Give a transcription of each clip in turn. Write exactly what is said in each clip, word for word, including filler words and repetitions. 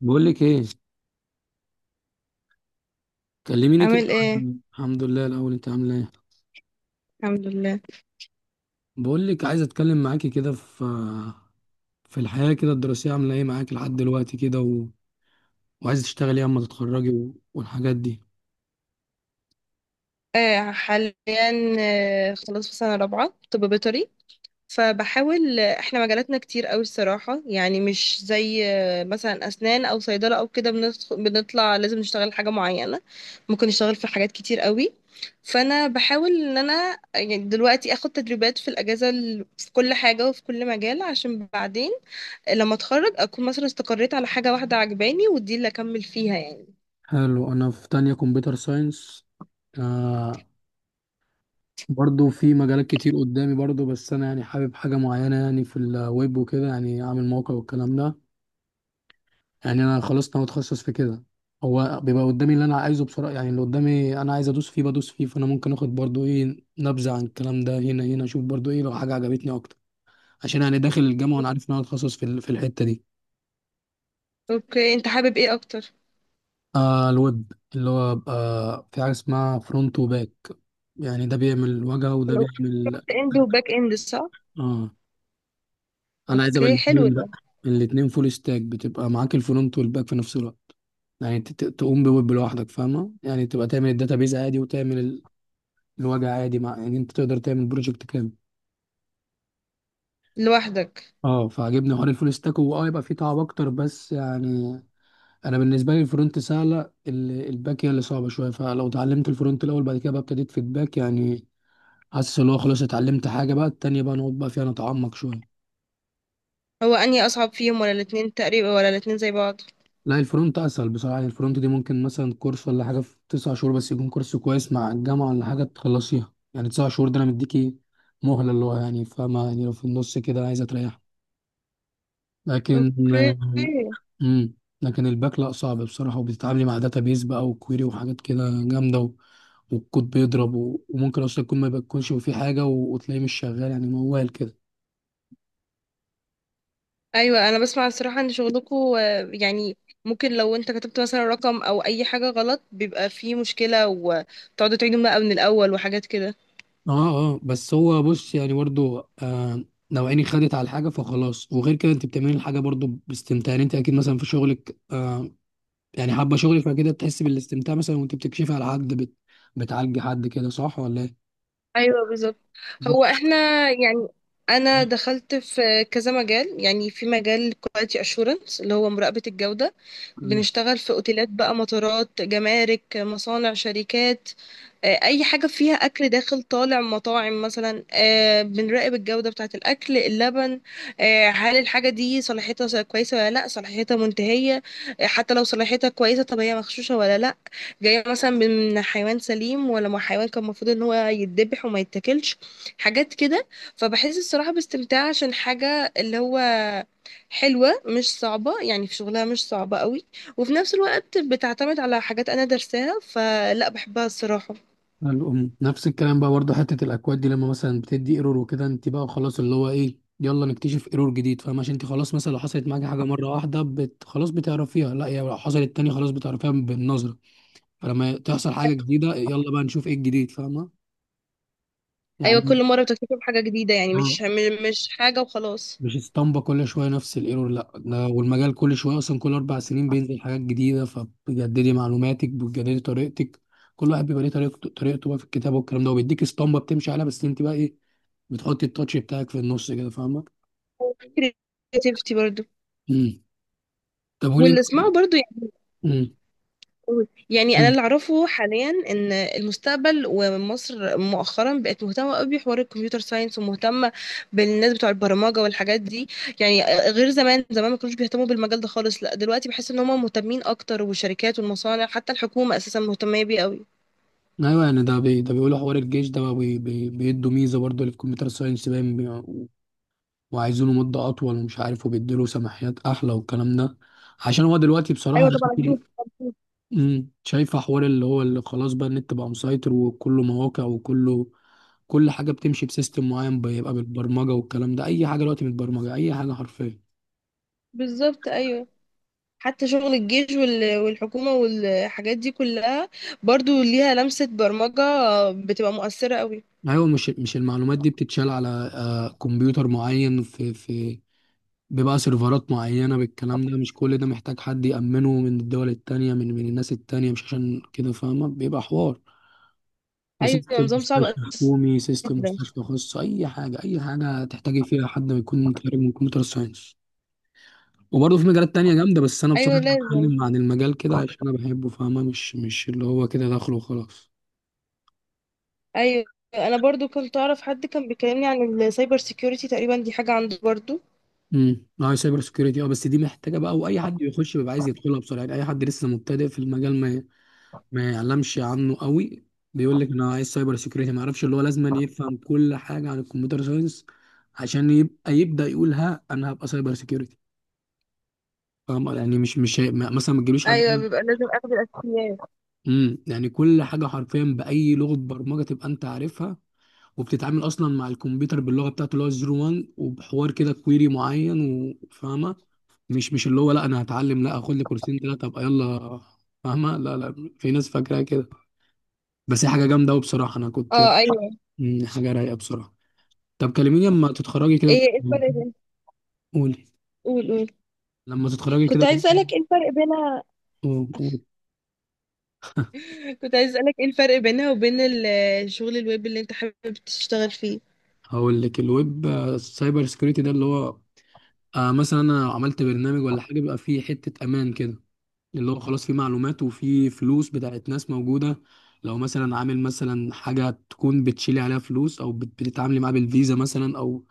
بقول لك ايه. كلميني كده عامل ايه؟ عن- الحمد لله الاول انت عامله ايه؟ الحمد لله. بقول لك عايز اتكلم معاكي كده في في الحياه كده الدراسيه، عامله ايه معاكي لحد دلوقتي كده و... وعايز تشتغلي ايه اما تتخرجي و... والحاجات دي. آه حاليا. آه خلاص، في سنة رابعة طب بيطري. فبحاول آه، احنا مجالاتنا كتير قوي الصراحة، يعني مش زي آه، مثلا أسنان أو صيدلة أو كده، بندخ- بنطلع لازم نشتغل حاجة معينة. ممكن نشتغل في حاجات كتير قوي. فأنا بحاول إن أنا يعني دلوقتي أخد تدريبات في الأجازة ال- في كل حاجة وفي كل مجال، عشان بعدين لما أتخرج أكون مثلا استقريت على حاجة واحدة عجباني، ودي اللي أكمل فيها، يعني. حلو، انا في تانية كمبيوتر ساينس. آه، برضو في مجالات كتير قدامي برضو، بس انا يعني حابب حاجه معينه يعني في الويب وكده، يعني اعمل موقع والكلام ده. يعني انا خلاص انا متخصص في كده. هو بيبقى قدامي اللي انا عايزه بسرعه، يعني اللي قدامي انا عايز ادوس فيه بدوس فيه، فانا ممكن اخد برضو ايه نبذه عن الكلام ده هنا هنا اشوف برضو ايه لو حاجه عجبتني اكتر. عشان يعني داخل الجامعه وانا عارف ان انا اتخصص في ال- في الحته دي. أوكي، أنت حابب ايه أكتر؟ آه الويب، اللي هو بقى في حاجه اسمها فرونت وباك، يعني ده بيعمل واجهه وده حلو. بيعمل. فرونت اند وباك اند، صح؟ اه. انا عايز ابقى اوكي، حلو الاثنين ده. بقى. الاثنين فول ستاك، بتبقى معاك الفرونت والباك في نفس الوقت. يعني ت- ت- تقوم بويب لوحدك فاهمة، يعني تبقى تعمل الداتابيز عادي، وتعمل الوجع عادي مع، يعني انت تقدر تعمل بروجكت كامل. لوحدك. اه، فعجبني حوار الفول ستاك، واه يبقى فيه تعب اكتر بس يعني انا بالنسبه لي الفرونت سهله. ال- الباك هي اللي صعبه شويه، فلو اتعلمت الفرونت الاول بعد كده بقى ابتديت في الباك، يعني حاسس ان هو خلاص اتعلمت حاجه بقى، التانيه بقى نقعد بقى فيها نتعمق شويه. هو انهي اصعب فيهم، ولا الاتنين تقريبا، ولا الاتنين زي بعض؟ لا الفرونت اسهل بصراحه، يعني الفرونت دي ممكن مثلا كورس ولا حاجه في تسع شهور، بس يكون كورس كويس مع الجامعه ولا حاجه تخلصيها، يعني تسع شهور ده انا مديكي مهله، اللي هو يعني فاهمه يعني لو في النص كده عايزه تريح. لكن اوكي. امم لكن الباك لا صعب بصراحة، وبتتعاملي مع داتابيز بقى وكويري وحاجات كده جامدة و... والكود بيضرب و... وممكن اصلا يكون ما بيكونش وفيه حاجة و... وتلاقيه مش شغال، يعني موال كده. ايوه، انا بسمع الصراحه ان شغلكم، يعني، ممكن لو انت كتبت مثلا رقم او اي حاجه غلط بيبقى فيه مشكله وتقعدوا تعيدوا بقى من الاول وحاجات كده. اه. اه بس هو بص، يعني برضو آه لو عيني خدت على الحاجة فخلاص، وغير كده انت بتعملي الحاجة برضو باستمتاع، يعني انت اكيد مثلا في شغلك آه يعني حابة شغلك، فكده بتحسي بالاستمتاع مثلا وانت بتكشفي على حد بت... بتعالجي حد كده، صح ولا ايه؟ ايوه بالظبط. هو احنا، يعني، انا دخلت في كذا مجال، يعني في مجال كواليتي اشورنس اللي هو مراقبه الجوده. نعم. بنشتغل في اوتيلات بقى، مطارات، جمارك، مصانع، شركات. آه، اي حاجه فيها اكل داخل طالع، مطاعم مثلا. آه، بنراقب الجوده بتاعه الاكل، اللبن. آه، هل الحاجه دي صلاحيتها س- كويسه ولا لا، صلاحيتها منتهيه؟ آه، حتى لو صلاحيتها كويسه، طب هي مغشوشه ولا لا، جايه مثلا من حيوان سليم ولا من حيوان كان المفروض ان هو يتذبح وما يتاكلش، حاجات كده. فبحس الصراحه باستمتاع عشان حاجه اللي هو حلوة، مش صعبة، يعني في شغلها مش صعبة قوي، وفي نفس الوقت بتعتمد على حاجات أنا درساها، فلا بحبها الصراحة. الأم نفس الكلام بقى برضه، حتة الأكواد دي لما مثلا بتدي ايرور وكده، انت بقى خلاص اللي هو ايه، يلا نكتشف ايرور جديد فاهمة، عشان انت خلاص مثلا لو حصلت معاكي حاجة مرة واحدة بت... خلاص بتعرفيها، لا يا لو حصلت تاني خلاص بتعرفيها بالنظرة. فلما تحصل حاجة جديدة يلا بقى نشوف ايه الجديد فاهمة. أيوة، يعني. كل مرة بتكتسب حاجة جديدة، يعني اه. مش مش حاجة وخلاص. مش اسطمبة كل شوية نفس الايرور، لا ده والمجال كل شوية أصلا كل أربع سنين بينزل حاجات جديدة، فبتجددي معلوماتك بتجددي طريقتك. كل واحد بيبقى ليه طريقته، طريقته بقى في الكتابة والكلام ده، وبيديك اسطمبة بتمشي عليها بس انت بقى ايه، بتحطي التاتش بتاعك في النص كده فاهمة. creativity برضو. امم طب قولي. واللي اسمعه برضو، امم يعني انا أمم. اللي اعرفه حاليا ان المستقبل، ومصر مؤخرا بقت مهتمه قوي بحوار الكمبيوتر ساينس، ومهتمه بالناس بتوع البرمجه والحاجات دي. يعني غير زمان، زمان ما كانوش بيهتموا بالمجال ده خالص، لا دلوقتي بحس ان هم مهتمين اكتر، والشركات والمصانع حتى الحكومه اساسا مهتمه بيه قوي. ايوه يعني ده بي... ده بيقولوا حوار الجيش ده بقى بي... بي... بيدوا ميزة برضه اللي في كمبيوتر ساينس باين بي... وعايزينه مدة اطول ومش عارف، وبيديله سماحيات احلى والكلام ده، عشان هو دلوقتي بصراحة ايوه طبعا يعني- أكيد. أكيد. أمم. شايفة حوار اللي هو اللي خلاص بقى النت بقى مسيطر وكله مواقع وكله كل حاجة بتمشي بسيستم معين، بيبقى بالبرمجة والكلام ده، أي حاجة دلوقتي متبرمجة، أي حاجة حرفيا. بالظبط ايوه. حتى شغل الجيش وال- والحكومه والحاجات دي كلها، برضو ليها لمسه برمجه، بتبقى مؤثره قوي. ايوه مش مش المعلومات دي بتتشال على آه، كمبيوتر معين، في في بيبقى سيرفرات معينة بالكلام ده، مش كل ده محتاج حد يأمنه من الدول التانية، من من الناس التانية، مش عشان كده فاهمة، بيبقى حوار ايوه، وسيستم نظام صعب مستشفى اساسا. حكومي، سيستم مستشفى خاص، أي حاجة، أي حاجة تحتاجي فيها حد يكون خارج من كمبيوتر ساينس. وبرضه في مجالات تانية جامدة، بس أنا ايوه بصراحة لازم. بتكلم عن المجال كده عشان أنا بحبه فاهمة، مش مش اللي هو كده داخله وخلاص. ايوه، انا برضو كنت اعرف حد كان بيكلمني عن السايبر سيكيورتي تقريبا، دي حاجه عنده برضو. امم اه سايبر سكيورتي. اه بس دي محتاجه بقى، واي حد بيخش بيبقى عايز يدخلها بسرعه، يعني اي حد لسه مبتدئ في المجال ما ما يعلمش عنه قوي، بيقول لك انا عايز سايبر سكيورتي، ما يعرفش اللي هو لازم أن يفهم كل حاجه عن الكمبيوتر ساينس، عشان يبقى يبدا يقول ها انا هبقى سايبر سكيورتي، فاهم يعني مش مش هي- ما- مثلا ما تجيبليش حد. ايوه، بيبقى لازم اخد الاساسيات. امم يعني كل حاجه حرفيا باي لغه برمجه تبقى انت عارفها، وبتتعامل اصلا مع الكمبيوتر باللغه بتاعته اللي هو صفر واحد وبحوار كده كويري معين وفاهمه، مش مش اللي هو لا انا هتعلم لا اخد لي كورسين ثلاثه ابقى يلا فاهمه، لا لا في ناس فاكراها كده، بس هي حاجه جامده قوي بصراحه انا كنت. اه ايوه. مم، حاجه رايقه بصراحه. طب كلميني لما تتخرجي كده. ايه ايه الفرق بين... قولي. قول قول. لما تتخرجي كنت كده. عايز اسالك ايه الفرق بينها. قولي. قولي. كنت عايز اسالك ايه الفرق بينها وبين ال- شغل الويب اللي انت حابب تشتغل فيه. هقول لك، الويب سايبر سكيورتي ده اللي هو آه مثلا انا عملت برنامج ولا حاجه بيبقى فيه حته امان كده، اللي هو خلاص في معلومات وفي فلوس بتاعت ناس موجودة، لو مثلا عامل مثلا حاجة تكون بتشيلي عليها فلوس أو بت- بتتعاملي معاه بالفيزا مثلا، أو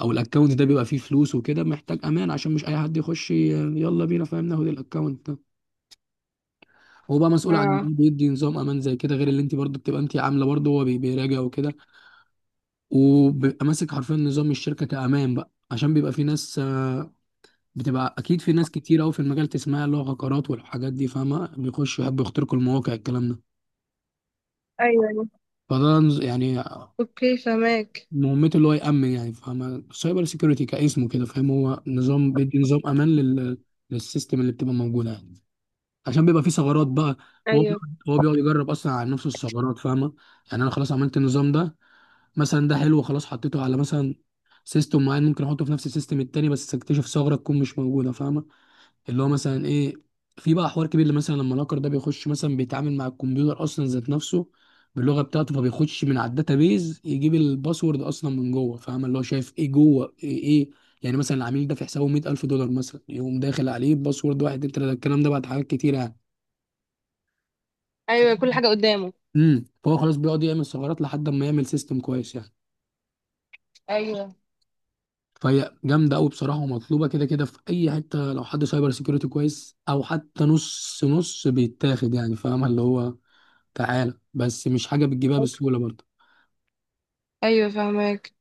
أو الأكونت ده بيبقى فيه فلوس وكده، محتاج أمان عشان مش أي حد يخش ي- يلا بينا فاهم ناخد الأكونت ده. هو بقى مسؤول عن اه إيه، بيدي نظام أمان زي كده غير اللي أنت برضه بتبقى أنت عاملة، برضه هو بي- بيراجع وكده، وبيبقى ماسك حرفيا نظام الشركة كأمان بقى، عشان بيبقى في ناس آه، بتبقى اكيد في ناس كتير قوي في المجال تسمعها اللي هو هكرات والحاجات دي فاهمه، بيخشوا يحبوا يخترقوا المواقع الكلام ده. ايوه أيوة. فده نز- يعني اوكي، فهماك. مهمته اللي هو يأمن، يعني فاهم سايبر سيكيورتي كاسمه كده، فاهم هو نظام بيدي نظام امان لل... للسيستم اللي بتبقى موجوده يعني، عشان بيبقى فيه ثغرات بقى. هو ايوه، بيقعد- هو بيقعد يجرب اصلا على نفسه الثغرات فاهمه. يعني انا خلاص عملت النظام ده مثلا، ده حلو خلاص حطيته على مثلا سيستم معين، ممكن احطه في نفس السيستم التاني بس اكتشف ثغره تكون مش موجوده فاهمه، اللي هو مثلا ايه، في بقى حوار كبير اللي مثلا لما الهاكر ده بيخش مثلا بيتعامل مع الكمبيوتر اصلا ذات نفسه باللغه بتاعته، فبيخش من على الداتابيز يجيب الباسورد اصلا من جوه فاهم، اللي هو شايف ايه جوه ايه, إيه، يعني مثلا العميل ده في حسابه مئة ألف دولار مثلا، يقوم داخل عليه باسورد واحد اتنين تلاته الكلام ده بعد حاجات كتير يعني. ايوه كل حاجه قدامه. امم فهو خلاص بيقعد يعمل ثغرات لحد ما يعمل سيستم كويس يعني. ايوه فهي جامده قوي بصراحه، ومطلوبه كده كده في اي حته، لو حد سايبر سيكيورتي كويس او حتى نص نص بيتاخد، يعني فاهم اللي هو تعالى، بس مش حاجه بتجيبها بسهوله برضه. ايوه، فهماك.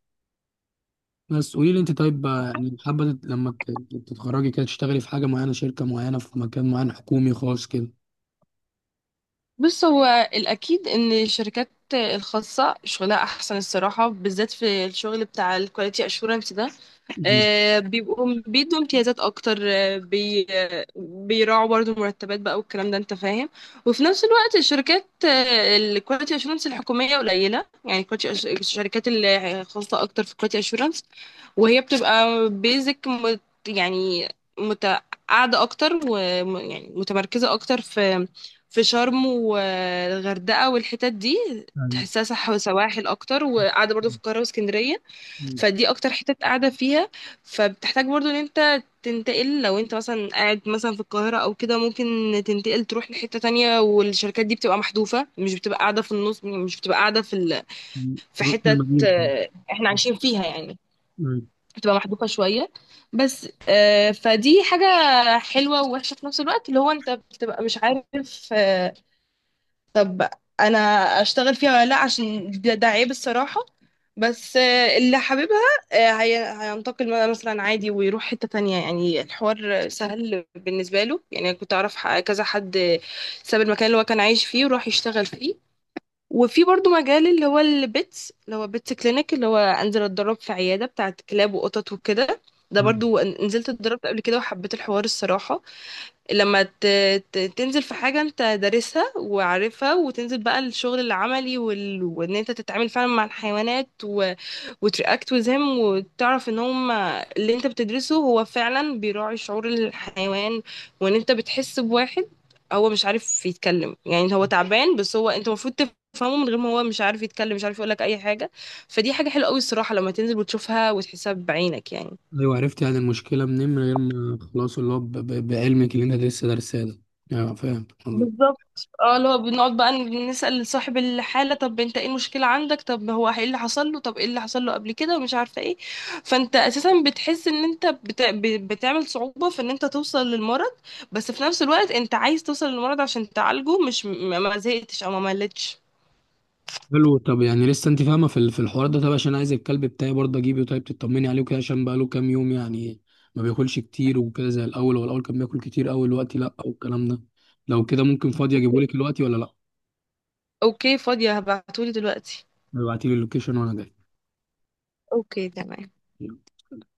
بس قولي لي انت، طيب آه، يعني حابه تت- لما ت- تتخرجي كده تشتغلي في حاجه معينه، شركه معينه، في مكان معين، حكومي خاص كده؟ بص، هو الأكيد إن الشركات الخاصة شغلها أحسن الصراحة، بالذات في الشغل بتاع الكواليتي أشورنس ده. مم. آه، بيبقوا بيدوا امتيازات اكتر، آه، بي آه، بيراعوا برضو المرتبات بقى والكلام ده، انت فاهم. وفي نفس الوقت الشركات الكواليتي اشورنس الحكوميه قليله، يعني quality assu- الشركات اللي خاصه اكتر في الكواليتي اشورنس، وهي بتبقى بيزك مت، يعني مت قاعده اكتر، ويعني متمركزه اكتر في في شرم والغردقه والحتت دي، أيوة. تحسها صح، وسواحل اكتر، وقاعده برضو في القاهره واسكندريه. مم. فدي اكتر حتة قاعدة فيها. فبتحتاج برضو ان انت تنتقل، لو انت مثلا قاعد مثلا في القاهرة او كده ممكن تنتقل تروح لحتة تانية، والشركات دي بتبقى محذوفة، مش بتبقى قاعدة في النص، مش بتبقى قاعدة في ال... مم. في رحت حتة المدينه. آه، احنا عايشين فيها، يعني، مم. بتبقى محذوفة شوية. بس آه، فدي حاجة حلوة ووحشة في نفس الوقت، اللي هو انت بتبقى مش عارف، آه، طب انا اشتغل فيها ولا لا، عشان ده, ده عيب الصراحة. بس آه، اللي حاببها آه، هي هينتقل مثلا عادي ويروح حتة تانية، يعني الحوار سهل بالنسبة له. يعني أنا كنت أعرف ح- كذا حد ساب المكان اللي هو كان عايش فيه وراح يشتغل فيه. وفي برضو مجال اللي هو البيتس، اللي هو بيتس كلينيك، اللي هو أنزل أتدرب في عيادة بتاعة كلاب وقطط وكده. ده مم. برضو نزلت اتدربت قبل كده وحبيت الحوار الصراحة. لما ت... ت... تنزل في حاجة انت دارسها وعارفها، وتنزل بقى الشغل العملي وال... وان انت تتعامل فعلا مع الحيوانات و... وترياكت وزهم، وتعرف ان هم اللي انت بتدرسه هو فعلا بيراعي شعور الحيوان، وان انت بتحس بواحد هو مش عارف يتكلم، يعني هو تعبان، بس هو انت المفروض تفهمه من غير ما، هو مش عارف يتكلم، مش عارف يقولك اي حاجة. فدي حاجة حلوة قوي الصراحة لما تنزل وتشوفها وتحسها بعينك، يعني. ايوه عرفت يعني المشكله منين من غير ما خلاص اللي هو ب- ب- بعلمك اللي انت لسه دارساه ده. ايوه فاهم. بالظبط اه، اللي هو بنقعد بقى نسأل صاحب الحالة، طب انت ايه المشكلة عندك، طب هو ايه اللي حصل له، طب ايه اللي حصل له قبل كده ومش عارفة ايه. فانت اساسا بتحس ان انت بت... ب- بتعمل صعوبة في ان انت توصل للمرض، بس في نفس الوقت انت عايز توصل للمرض عشان تعالجه، مش ما ما زهقتش او ما ملتش. حلو، طب يعني لسه انت فاهمه في ال- في الحوار ده، طب عشان عايز الكلب بتاعي برضه اجيبه، طيب تطمني عليه وكده عشان بقاله كام يوم يعني ما بياكلش كتير وكده زي الاول، هو الاول كان بياكل كتير قوي دلوقتي لا والكلام ده، لو كده ممكن فاضي اجيبه اوكي. لك دلوقتي ولا لا؟ اوكي، فاضية هبعتولي دلوقتي. ابعتي لي اللوكيشن وانا اوكي تمام. جاي.